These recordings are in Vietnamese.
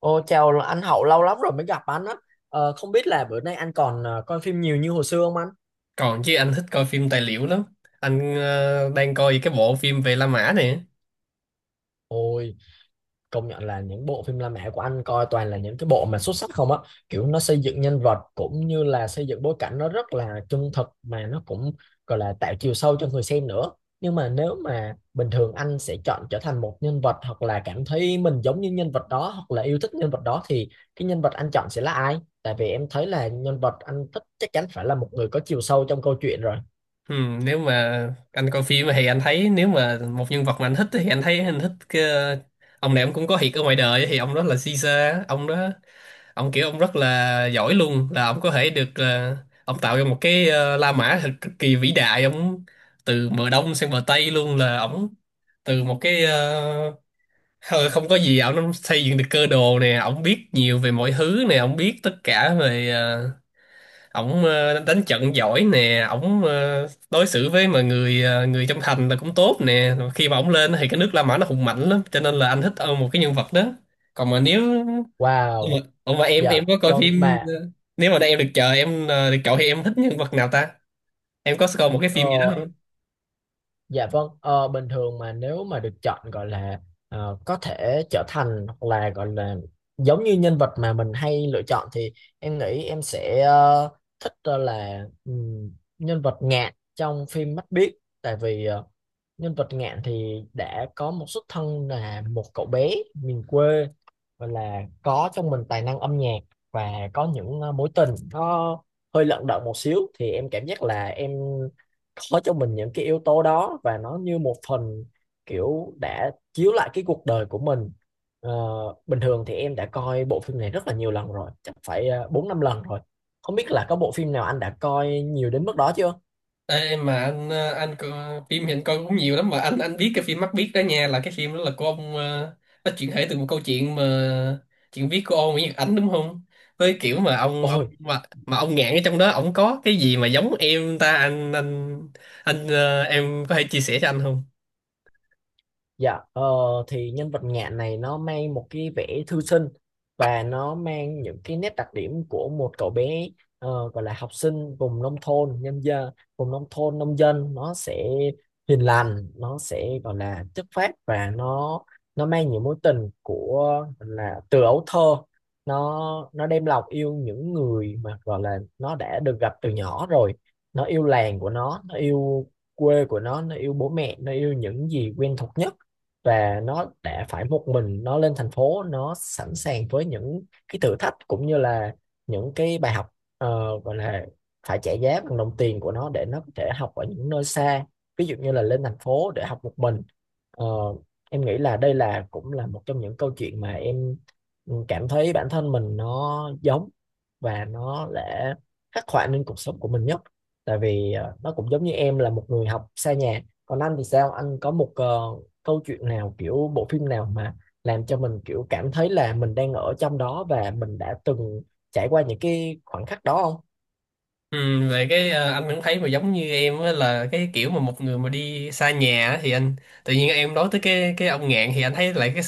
Ô, chào anh Hậu lâu lắm rồi mới gặp anh á. Không biết là bữa nay anh còn coi phim nhiều như hồi xưa không anh? Còn chứ, anh thích coi phim tài liệu lắm. Anh đang coi cái bộ phim về La Mã này. Ôi, công nhận là những bộ phim La Mã của anh coi toàn là những cái bộ mà xuất sắc không á. Kiểu nó xây dựng nhân vật cũng như là xây dựng bối cảnh nó rất là chân thực mà nó cũng gọi là tạo chiều sâu cho người xem nữa. Nhưng mà nếu mà bình thường anh sẽ chọn trở thành một nhân vật, hoặc là cảm thấy mình giống như nhân vật đó, hoặc là yêu thích nhân vật đó, thì cái nhân vật anh chọn sẽ là ai? Tại vì em thấy là nhân vật anh thích chắc chắn phải là một người có chiều sâu trong câu chuyện rồi. Ừ, nếu mà anh coi phim thì anh thấy nếu mà một nhân vật mà anh thích thì anh thấy anh thích cái, ông này ông cũng có thiệt ở ngoài đời, thì ông đó là Caesar. Ông đó ông kiểu ông rất là giỏi luôn, là ông có thể được ông tạo ra một cái La Mã thật cực kỳ vĩ đại. Ông từ bờ đông sang bờ tây luôn, là ông từ một cái không có gì ổng xây dựng được cơ đồ nè, ổng biết nhiều về mọi thứ nè, ổng biết tất cả về ổng đánh trận giỏi nè, ổng đối xử với mà người người trong thành là cũng tốt nè. Rồi khi mà ổng lên thì cái nước La Mã nó hùng mạnh lắm, cho nên là anh thích một cái nhân vật đó. Còn mà nếu nhưng mà, Wow. ủa mà em Dạ, có coi vâng phim mà nếu mà em được chờ em được chọn thì em thích nhân vật nào ta, em có coi một cái phim gì ờ, đó không? dạ vâng. Ờ, Bình thường mà nếu mà được chọn, gọi là có thể trở thành hoặc là gọi là giống như nhân vật mà mình hay lựa chọn, thì em nghĩ em sẽ thích ờ, là nhân vật Ngạn trong phim Mắt Biếc. Tại vì nhân vật Ngạn thì đã có một xuất thân là một cậu bé miền quê, và là có trong mình tài năng âm nhạc, và có những mối tình nó hơi lận đận một xíu, thì em cảm giác là em có cho mình những cái yếu tố đó, và nó như một phần kiểu đã chiếu lại cái cuộc đời của mình. Ờ, Bình thường thì em đã coi bộ phim này rất là nhiều lần rồi, chắc phải bốn năm lần rồi. Không biết là có bộ phim nào anh đã coi nhiều đến mức đó chưa? Ê, mà anh anh có, phim hiện coi cũng nhiều lắm, mà anh biết cái phim Mắt Biếc đó nha, là cái phim đó là của ông nó chuyển thể từ một câu chuyện mà chuyện viết của ông Nguyễn Nhật Ánh đúng không? Với kiểu mà ông Ôi. Mà ông Ngạn ở trong đó ông có cái gì mà giống em ta, em có thể chia sẻ cho anh không? Dạ, thì nhân vật Ngạn này nó mang một cái vẻ thư sinh, và nó mang những cái nét đặc điểm của một cậu bé gọi là học sinh vùng nông thôn, nhân dân, vùng nông thôn, nông dân. Nó sẽ hiền lành, nó sẽ gọi là chất phác, và nó mang những mối tình của, gọi là từ ấu thơ, nó đem lòng yêu những người mà gọi là nó đã được gặp từ nhỏ rồi. Nó yêu làng của nó yêu quê của nó yêu bố mẹ, nó yêu những gì quen thuộc nhất. Và nó đã phải một mình nó lên thành phố, nó sẵn sàng với những cái thử thách cũng như là những cái bài học, gọi là phải trả giá bằng đồng tiền của nó để nó có thể học ở những nơi xa, ví dụ như là lên thành phố để học một mình. Ờ, em nghĩ là đây là cũng là một trong những câu chuyện mà em cảm thấy bản thân mình nó giống, và nó đã khắc họa nên cuộc sống của mình nhất. Tại vì nó cũng giống như em là một người học xa nhà. Còn anh thì sao, anh có một câu chuyện nào, kiểu bộ phim nào mà làm cho mình kiểu cảm thấy là mình đang ở trong đó và mình đã từng trải qua những cái khoảnh khắc đó không? Ừ, về cái anh cũng thấy mà giống như em á, là cái kiểu mà một người mà đi xa nhà á, thì anh tự nhiên em nói tới cái ông Ngạn thì anh thấy lại cái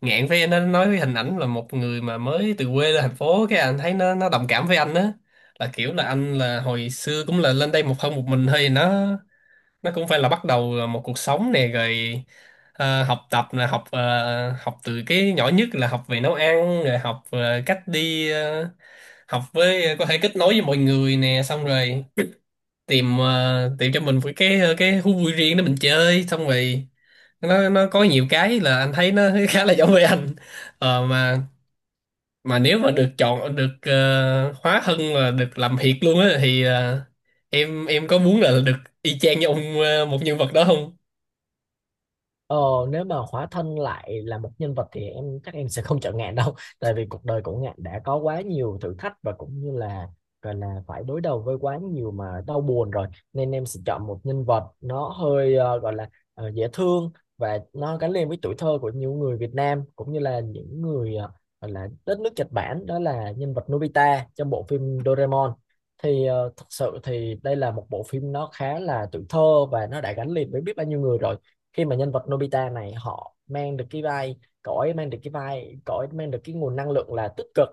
Ngạn với nó nói cái hình ảnh là một người mà mới từ quê lên thành phố, cái anh thấy nó đồng cảm với anh á, là kiểu là anh là hồi xưa cũng là lên đây một thân một mình thôi. Nó cũng phải là bắt đầu một cuộc sống nè, rồi học tập là học học từ cái nhỏ nhất là học về nấu ăn, rồi học cách đi học với có thể kết nối với mọi người nè, xong rồi tìm tìm cho mình một cái cái thú vui riêng để mình chơi, xong rồi nó có nhiều cái là anh thấy nó khá là giống với anh. ờ, mà mà nếu mà được chọn được hóa thân là được làm thiệt luôn á thì em có muốn là được y chang như ông một nhân vật đó không? Ờ, nếu mà hóa thân lại là một nhân vật thì em chắc em sẽ không chọn Ngạn đâu tại vì cuộc đời của Ngạn đã có quá nhiều thử thách, và cũng như là gọi là phải đối đầu với quá nhiều mà đau buồn rồi. Nên em sẽ chọn một nhân vật nó hơi dễ thương, và nó gắn liền với tuổi thơ của nhiều người Việt Nam cũng như là những người gọi là đất nước Nhật Bản, đó là nhân vật Nobita trong bộ phim Doraemon. Thì thật sự thì đây là một bộ phim nó khá là tuổi thơ và nó đã gắn liền với biết bao nhiêu người rồi. Khi mà nhân vật Nobita này họ mang được cái vai, cậu ấy mang được cái vai, cậu ấy mang được cái nguồn năng lượng là tích cực.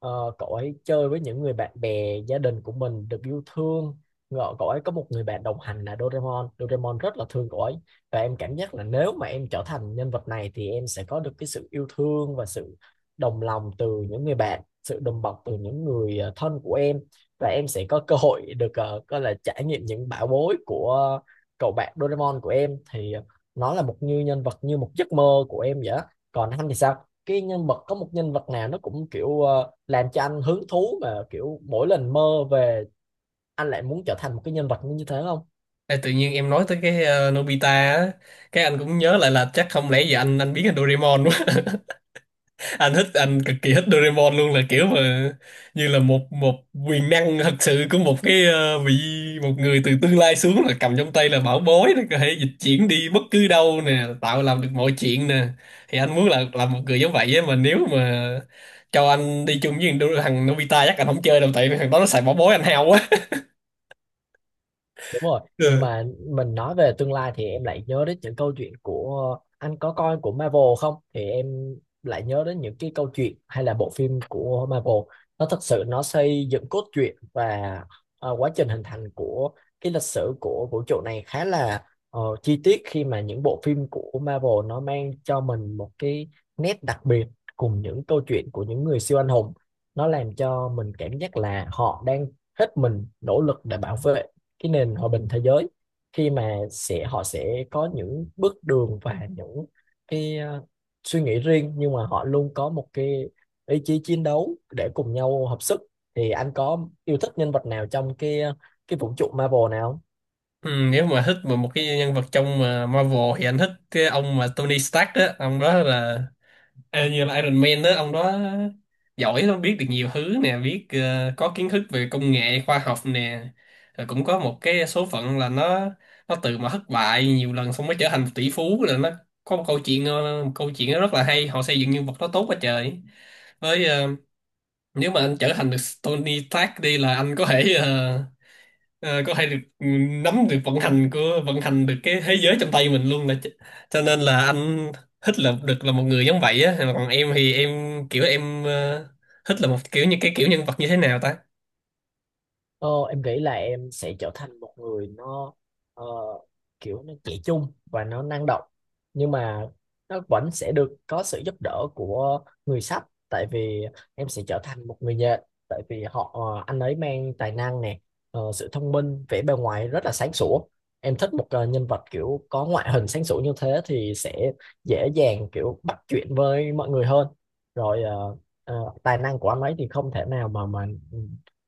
Ờ, cậu ấy chơi với những người bạn bè gia đình của mình, được yêu thương. Ngờ cậu ấy có một người bạn đồng hành là Doraemon. Doraemon rất là thương cậu ấy, và em cảm giác là nếu mà em trở thành nhân vật này thì em sẽ có được cái sự yêu thương và sự đồng lòng từ những người bạn, sự đùm bọc từ những người thân của em. Và em sẽ có cơ hội được gọi là trải nghiệm những bão bối của cậu bạn Doraemon của em. Thì nó là một như nhân vật, như một giấc mơ của em vậy á. Còn anh thì sao, cái nhân vật, có một nhân vật nào nó cũng kiểu làm cho anh hứng thú mà kiểu mỗi lần mơ về anh lại muốn trở thành một cái nhân vật như thế không? Ê, tự nhiên em nói tới cái Nobita á, cái anh cũng nhớ lại là chắc không lẽ giờ anh biến thành Doraemon. Anh thích, anh cực kỳ thích Doraemon luôn, là kiểu mà như là một một quyền năng thật sự của một cái vị một người từ tương lai xuống, là cầm trong tay là bảo bối, nó có thể dịch chuyển đi bất cứ đâu nè, tạo làm được mọi chuyện nè. Thì anh muốn là làm một người giống vậy á, mà nếu mà cho anh đi chung với thằng thằng Nobita chắc anh không chơi đâu, tại vì thằng đó nó xài bảo bối anh hao quá. Đúng rồi, nhưng Ừ. mà mình nói về tương lai thì em lại nhớ đến những câu chuyện của, anh có coi của Marvel không? Thì em lại nhớ đến những cái câu chuyện hay là bộ phim của Marvel. Nó thật sự nó xây dựng cốt truyện và quá trình hình thành của cái lịch sử của vũ trụ này khá là chi tiết. Khi mà những bộ phim của Marvel nó mang cho mình một cái nét đặc biệt cùng những câu chuyện của những người siêu anh hùng. Nó làm cho mình cảm giác là họ đang hết mình nỗ lực để bảo vệ cái nền hòa bình thế giới. Khi mà sẽ họ sẽ có những bước đường và những cái suy nghĩ riêng, nhưng mà họ luôn có một cái ý chí chiến đấu để cùng nhau hợp sức. Thì anh có yêu thích nhân vật nào trong cái cái vũ trụ Marvel nào không? Ừ, nếu mà thích mà một cái nhân vật trong mà Marvel thì anh thích cái ông mà Tony Stark á, ông đó là như là Iron Man đó. Ông đó giỏi lắm, biết được nhiều thứ nè, biết có kiến thức về công nghệ khoa học nè, rồi cũng có một cái số phận là nó từ mà thất bại nhiều lần xong mới trở thành tỷ phú, là nó có một câu chuyện một câu chuyện rất là hay, họ xây dựng nhân vật đó tốt quá trời. Với nếu mà anh trở thành được Tony Stark đi là anh có thể có thể được nắm được vận hành của vận hành được cái thế giới trong tay mình luôn là cho nên là anh thích là được là một người giống vậy á. Còn em thì em kiểu em thích là một kiểu như cái kiểu nhân vật như thế nào ta? Ờ, em nghĩ là em sẽ trở thành một người nó ờ, kiểu nó trẻ trung và nó năng động, nhưng mà nó vẫn sẽ được có sự giúp đỡ của người sách. Tại vì em sẽ trở thành một người nhện. Tại vì họ, anh ấy mang tài năng nè, sự thông minh, vẻ bề ngoài rất là sáng sủa. Em thích một nhân vật kiểu có ngoại hình sáng sủa như thế thì sẽ dễ dàng kiểu bắt chuyện với mọi người hơn. Rồi tài năng của anh ấy thì không thể nào mà ừ,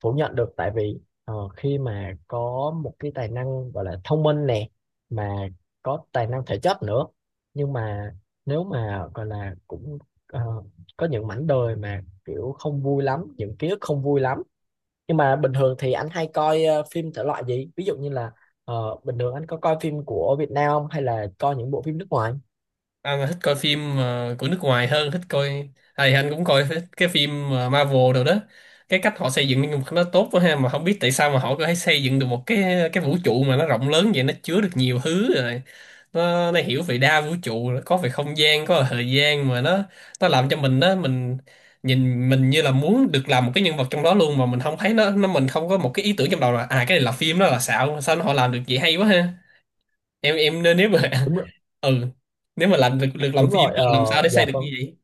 phủ nhận được. Tại vì ờ, khi mà có một cái tài năng gọi là thông minh nè, mà có tài năng thể chất nữa, nhưng mà nếu mà gọi là cũng ờ, có những mảnh đời mà kiểu không vui lắm, những ký ức không vui lắm. Nhưng mà bình thường thì anh hay coi phim thể loại gì, ví dụ như là bình thường anh có coi phim của Việt Nam không, hay là coi những bộ phim nước ngoài? Anh là thích coi phim của nước ngoài hơn, thích coi à, thì anh cũng coi thích cái phim Marvel rồi đó. Cái cách họ xây dựng nhân vật nó tốt quá ha, mà không biết tại sao mà họ có thể xây dựng được một cái vũ trụ mà nó rộng lớn vậy, nó chứa được nhiều thứ rồi. Nó hiểu về đa vũ trụ, có về không gian, có về thời gian, mà nó làm cho mình đó mình nhìn mình như là muốn được làm một cái nhân vật trong đó luôn, mà mình không thấy nó mình không có một cái ý tưởng trong đầu là à cái này là phim đó là xạo, sao nó họ làm được vậy hay quá ha. Em nên nếu mà Đúng rồi. ừ nếu mà làm được được làm Đúng phim rồi. thì Ờ, làm sao để xây dạ được như vâng. vậy.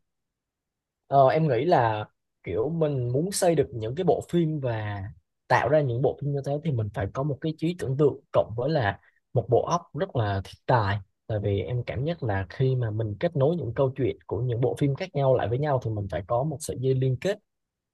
Ờ, em nghĩ là kiểu mình muốn xây được những cái bộ phim và tạo ra những bộ phim như thế thì mình phải có một cái trí tưởng tượng cộng với là một bộ óc rất là thiên tài. Tại vì em cảm nhận là khi mà mình kết nối những câu chuyện của những bộ phim khác nhau lại với nhau thì mình phải có một sợi dây liên kết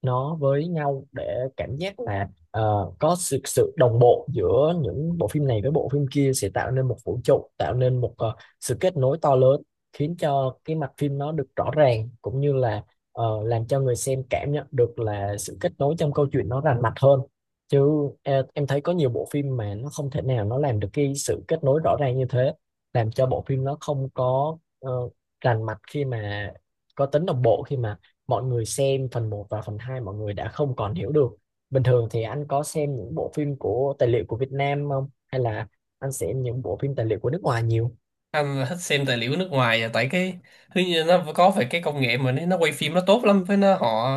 nó với nhau, để cảm giác là có sự sự đồng bộ giữa những bộ phim này với bộ phim kia, sẽ tạo nên một vũ trụ, tạo nên một sự kết nối to lớn, khiến cho cái mạch phim nó được rõ ràng, cũng như là làm cho người xem cảm nhận được là sự kết nối trong câu chuyện nó rành mạch hơn. Chứ em thấy có nhiều bộ phim mà nó không thể nào nó làm được cái sự kết nối rõ ràng như thế, làm cho bộ phim nó không có rành mạch, khi mà có tính đồng bộ, khi mà mọi người xem phần một và phần 2 mọi người đã không còn hiểu được. Bình thường thì anh có xem những bộ phim của tài liệu của Việt Nam không? Hay là anh xem những bộ phim tài liệu của nước ngoài nhiều? Anh là thích xem tài liệu nước ngoài à, tại cái thứ như nó có phải cái công nghệ mà nó quay phim nó tốt lắm, với nó họ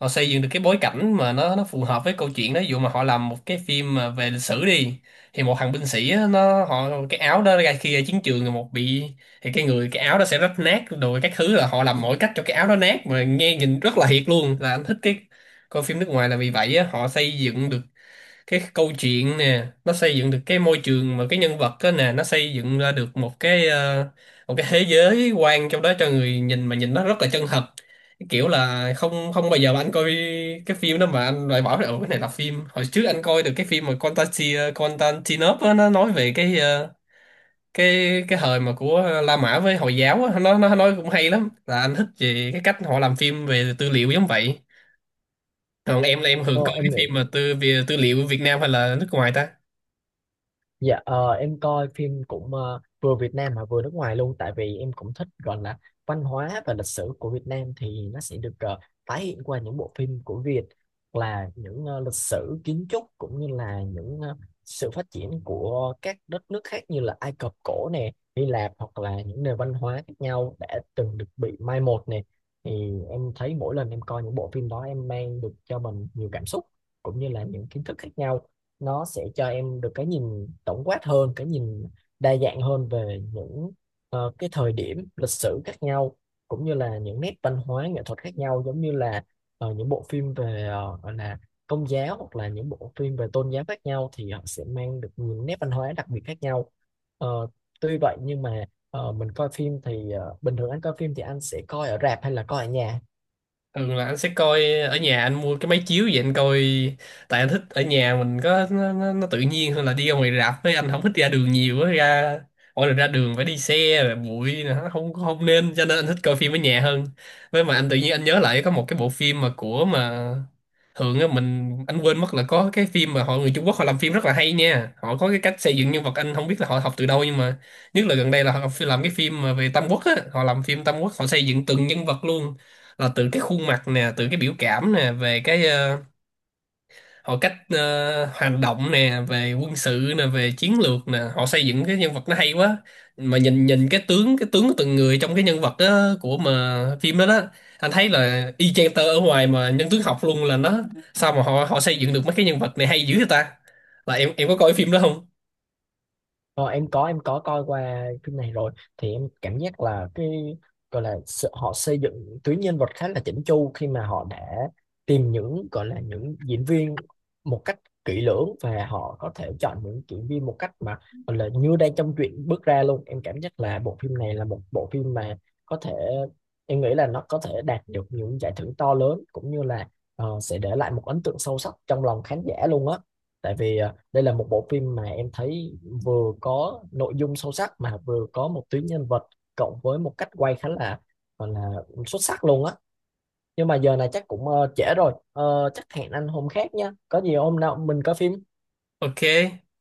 họ xây dựng được cái bối cảnh mà nó phù hợp với câu chuyện đó. Ví dụ mà họ làm một cái phim mà về lịch sử đi, thì một thằng binh sĩ á, nó họ cái áo đó ra khi ra chiến trường rồi một bị, thì cái người cái áo đó sẽ rách nát rồi các thứ, là họ làm mọi cách cho cái áo đó nát mà nghe nhìn rất là thiệt luôn. Là anh thích cái coi phim nước ngoài là vì vậy á, họ xây dựng được cái câu chuyện nè, nó xây dựng được cái môi trường mà cái nhân vật đó nè, nó xây dựng ra được một cái một cái thế giới quan trong đó cho người nhìn mà nhìn nó rất là chân thật. Cái kiểu là không không bao giờ mà anh coi cái phim đó mà anh loại bỏ là "Ủa, cái này là phim". Hồi trước anh coi được cái phim mà Constantine Constantinople á, nó nói về cái cái thời mà của La Mã với Hồi giáo á, nó nói cũng hay lắm, là anh thích về cái cách họ làm phim về tư liệu giống vậy. Còn em là em thường Ờ, coi em cái nghĩ. phim mà tư về tư liệu Việt Nam hay là nước ngoài ta? Dạ, em coi phim cũng vừa Việt Nam mà vừa nước ngoài luôn. Tại vì em cũng thích gọi là văn hóa và lịch sử của Việt Nam, thì nó sẽ được tái hiện qua những bộ phim của Việt, hoặc là những lịch sử kiến trúc, cũng như là những sự phát triển của các đất nước khác, như là Ai Cập cổ nè, Hy Lạp, hoặc là những nền văn hóa khác nhau đã từng được bị mai một nè. Thì em thấy mỗi lần em coi những bộ phim đó em mang được cho mình nhiều cảm xúc, cũng như là những kiến thức khác nhau. Nó sẽ cho em được cái nhìn tổng quát hơn, cái nhìn đa dạng hơn về những cái thời điểm lịch sử khác nhau, cũng như là những nét văn hóa nghệ thuật khác nhau, giống như là những bộ phim về gọi là công giáo, hoặc là những bộ phim về tôn giáo khác nhau, thì họ sẽ mang được những nét văn hóa đặc biệt khác nhau. Ờ, tuy vậy nhưng mà mình coi phim thì bình thường anh coi phim thì anh sẽ coi ở rạp hay là coi ở nhà? Thường là anh sẽ coi ở nhà, anh mua cái máy chiếu vậy anh coi. Tại anh thích ở nhà mình có nó tự nhiên hơn là đi ra ngoài rạp, với anh không thích ra đường nhiều á. Ra mỗi lần ra đường phải đi xe rồi bụi nữa không không nên, cho nên anh thích coi phim ở nhà hơn. Với mà anh tự nhiên anh nhớ lại có một cái bộ phim mà của mà thường á mình anh quên mất, là có cái phim mà họ người Trung Quốc họ làm phim rất là hay nha, họ có cái cách xây dựng nhân vật anh không biết là họ học từ đâu, nhưng mà nhất là gần đây là họ làm cái phim mà về Tam Quốc á, họ làm phim Tam Quốc họ xây dựng từng nhân vật luôn, là từ cái khuôn mặt nè, từ cái biểu cảm nè, về cái họ cách hành động nè, về quân sự nè, về chiến lược nè, họ xây dựng cái nhân vật nó hay quá. Mà nhìn nhìn cái tướng của từng người trong cái nhân vật đó, của mà phim đó đó, anh thấy là y chang tơ ở ngoài mà nhân tướng học luôn. Là nó sao mà họ họ xây dựng được mấy cái nhân vật này hay dữ vậy ta, là em có coi phim đó không? Ờ, em có, em có coi qua phim này rồi. Thì em cảm giác là cái gọi là sự, họ xây dựng tuyến nhân vật khá là chỉnh chu, khi mà họ đã tìm những, gọi là những diễn viên một cách kỹ lưỡng, và họ có thể chọn những diễn viên một cách mà gọi là như đang trong truyện bước ra luôn. Em cảm giác là bộ phim này là một bộ phim mà có thể, em nghĩ là nó có thể đạt được những giải thưởng to lớn, cũng như là sẽ để lại một ấn tượng sâu sắc trong lòng khán giả luôn á. Tại vì đây là một bộ phim mà em thấy vừa có nội dung sâu sắc, mà vừa có một tuyến nhân vật cộng với một cách quay khá là gọi là xuất sắc luôn á. Nhưng mà giờ này chắc cũng trễ rồi. Ờ, chắc hẹn anh hôm khác nha, có gì hôm nào mình coi phim. OK.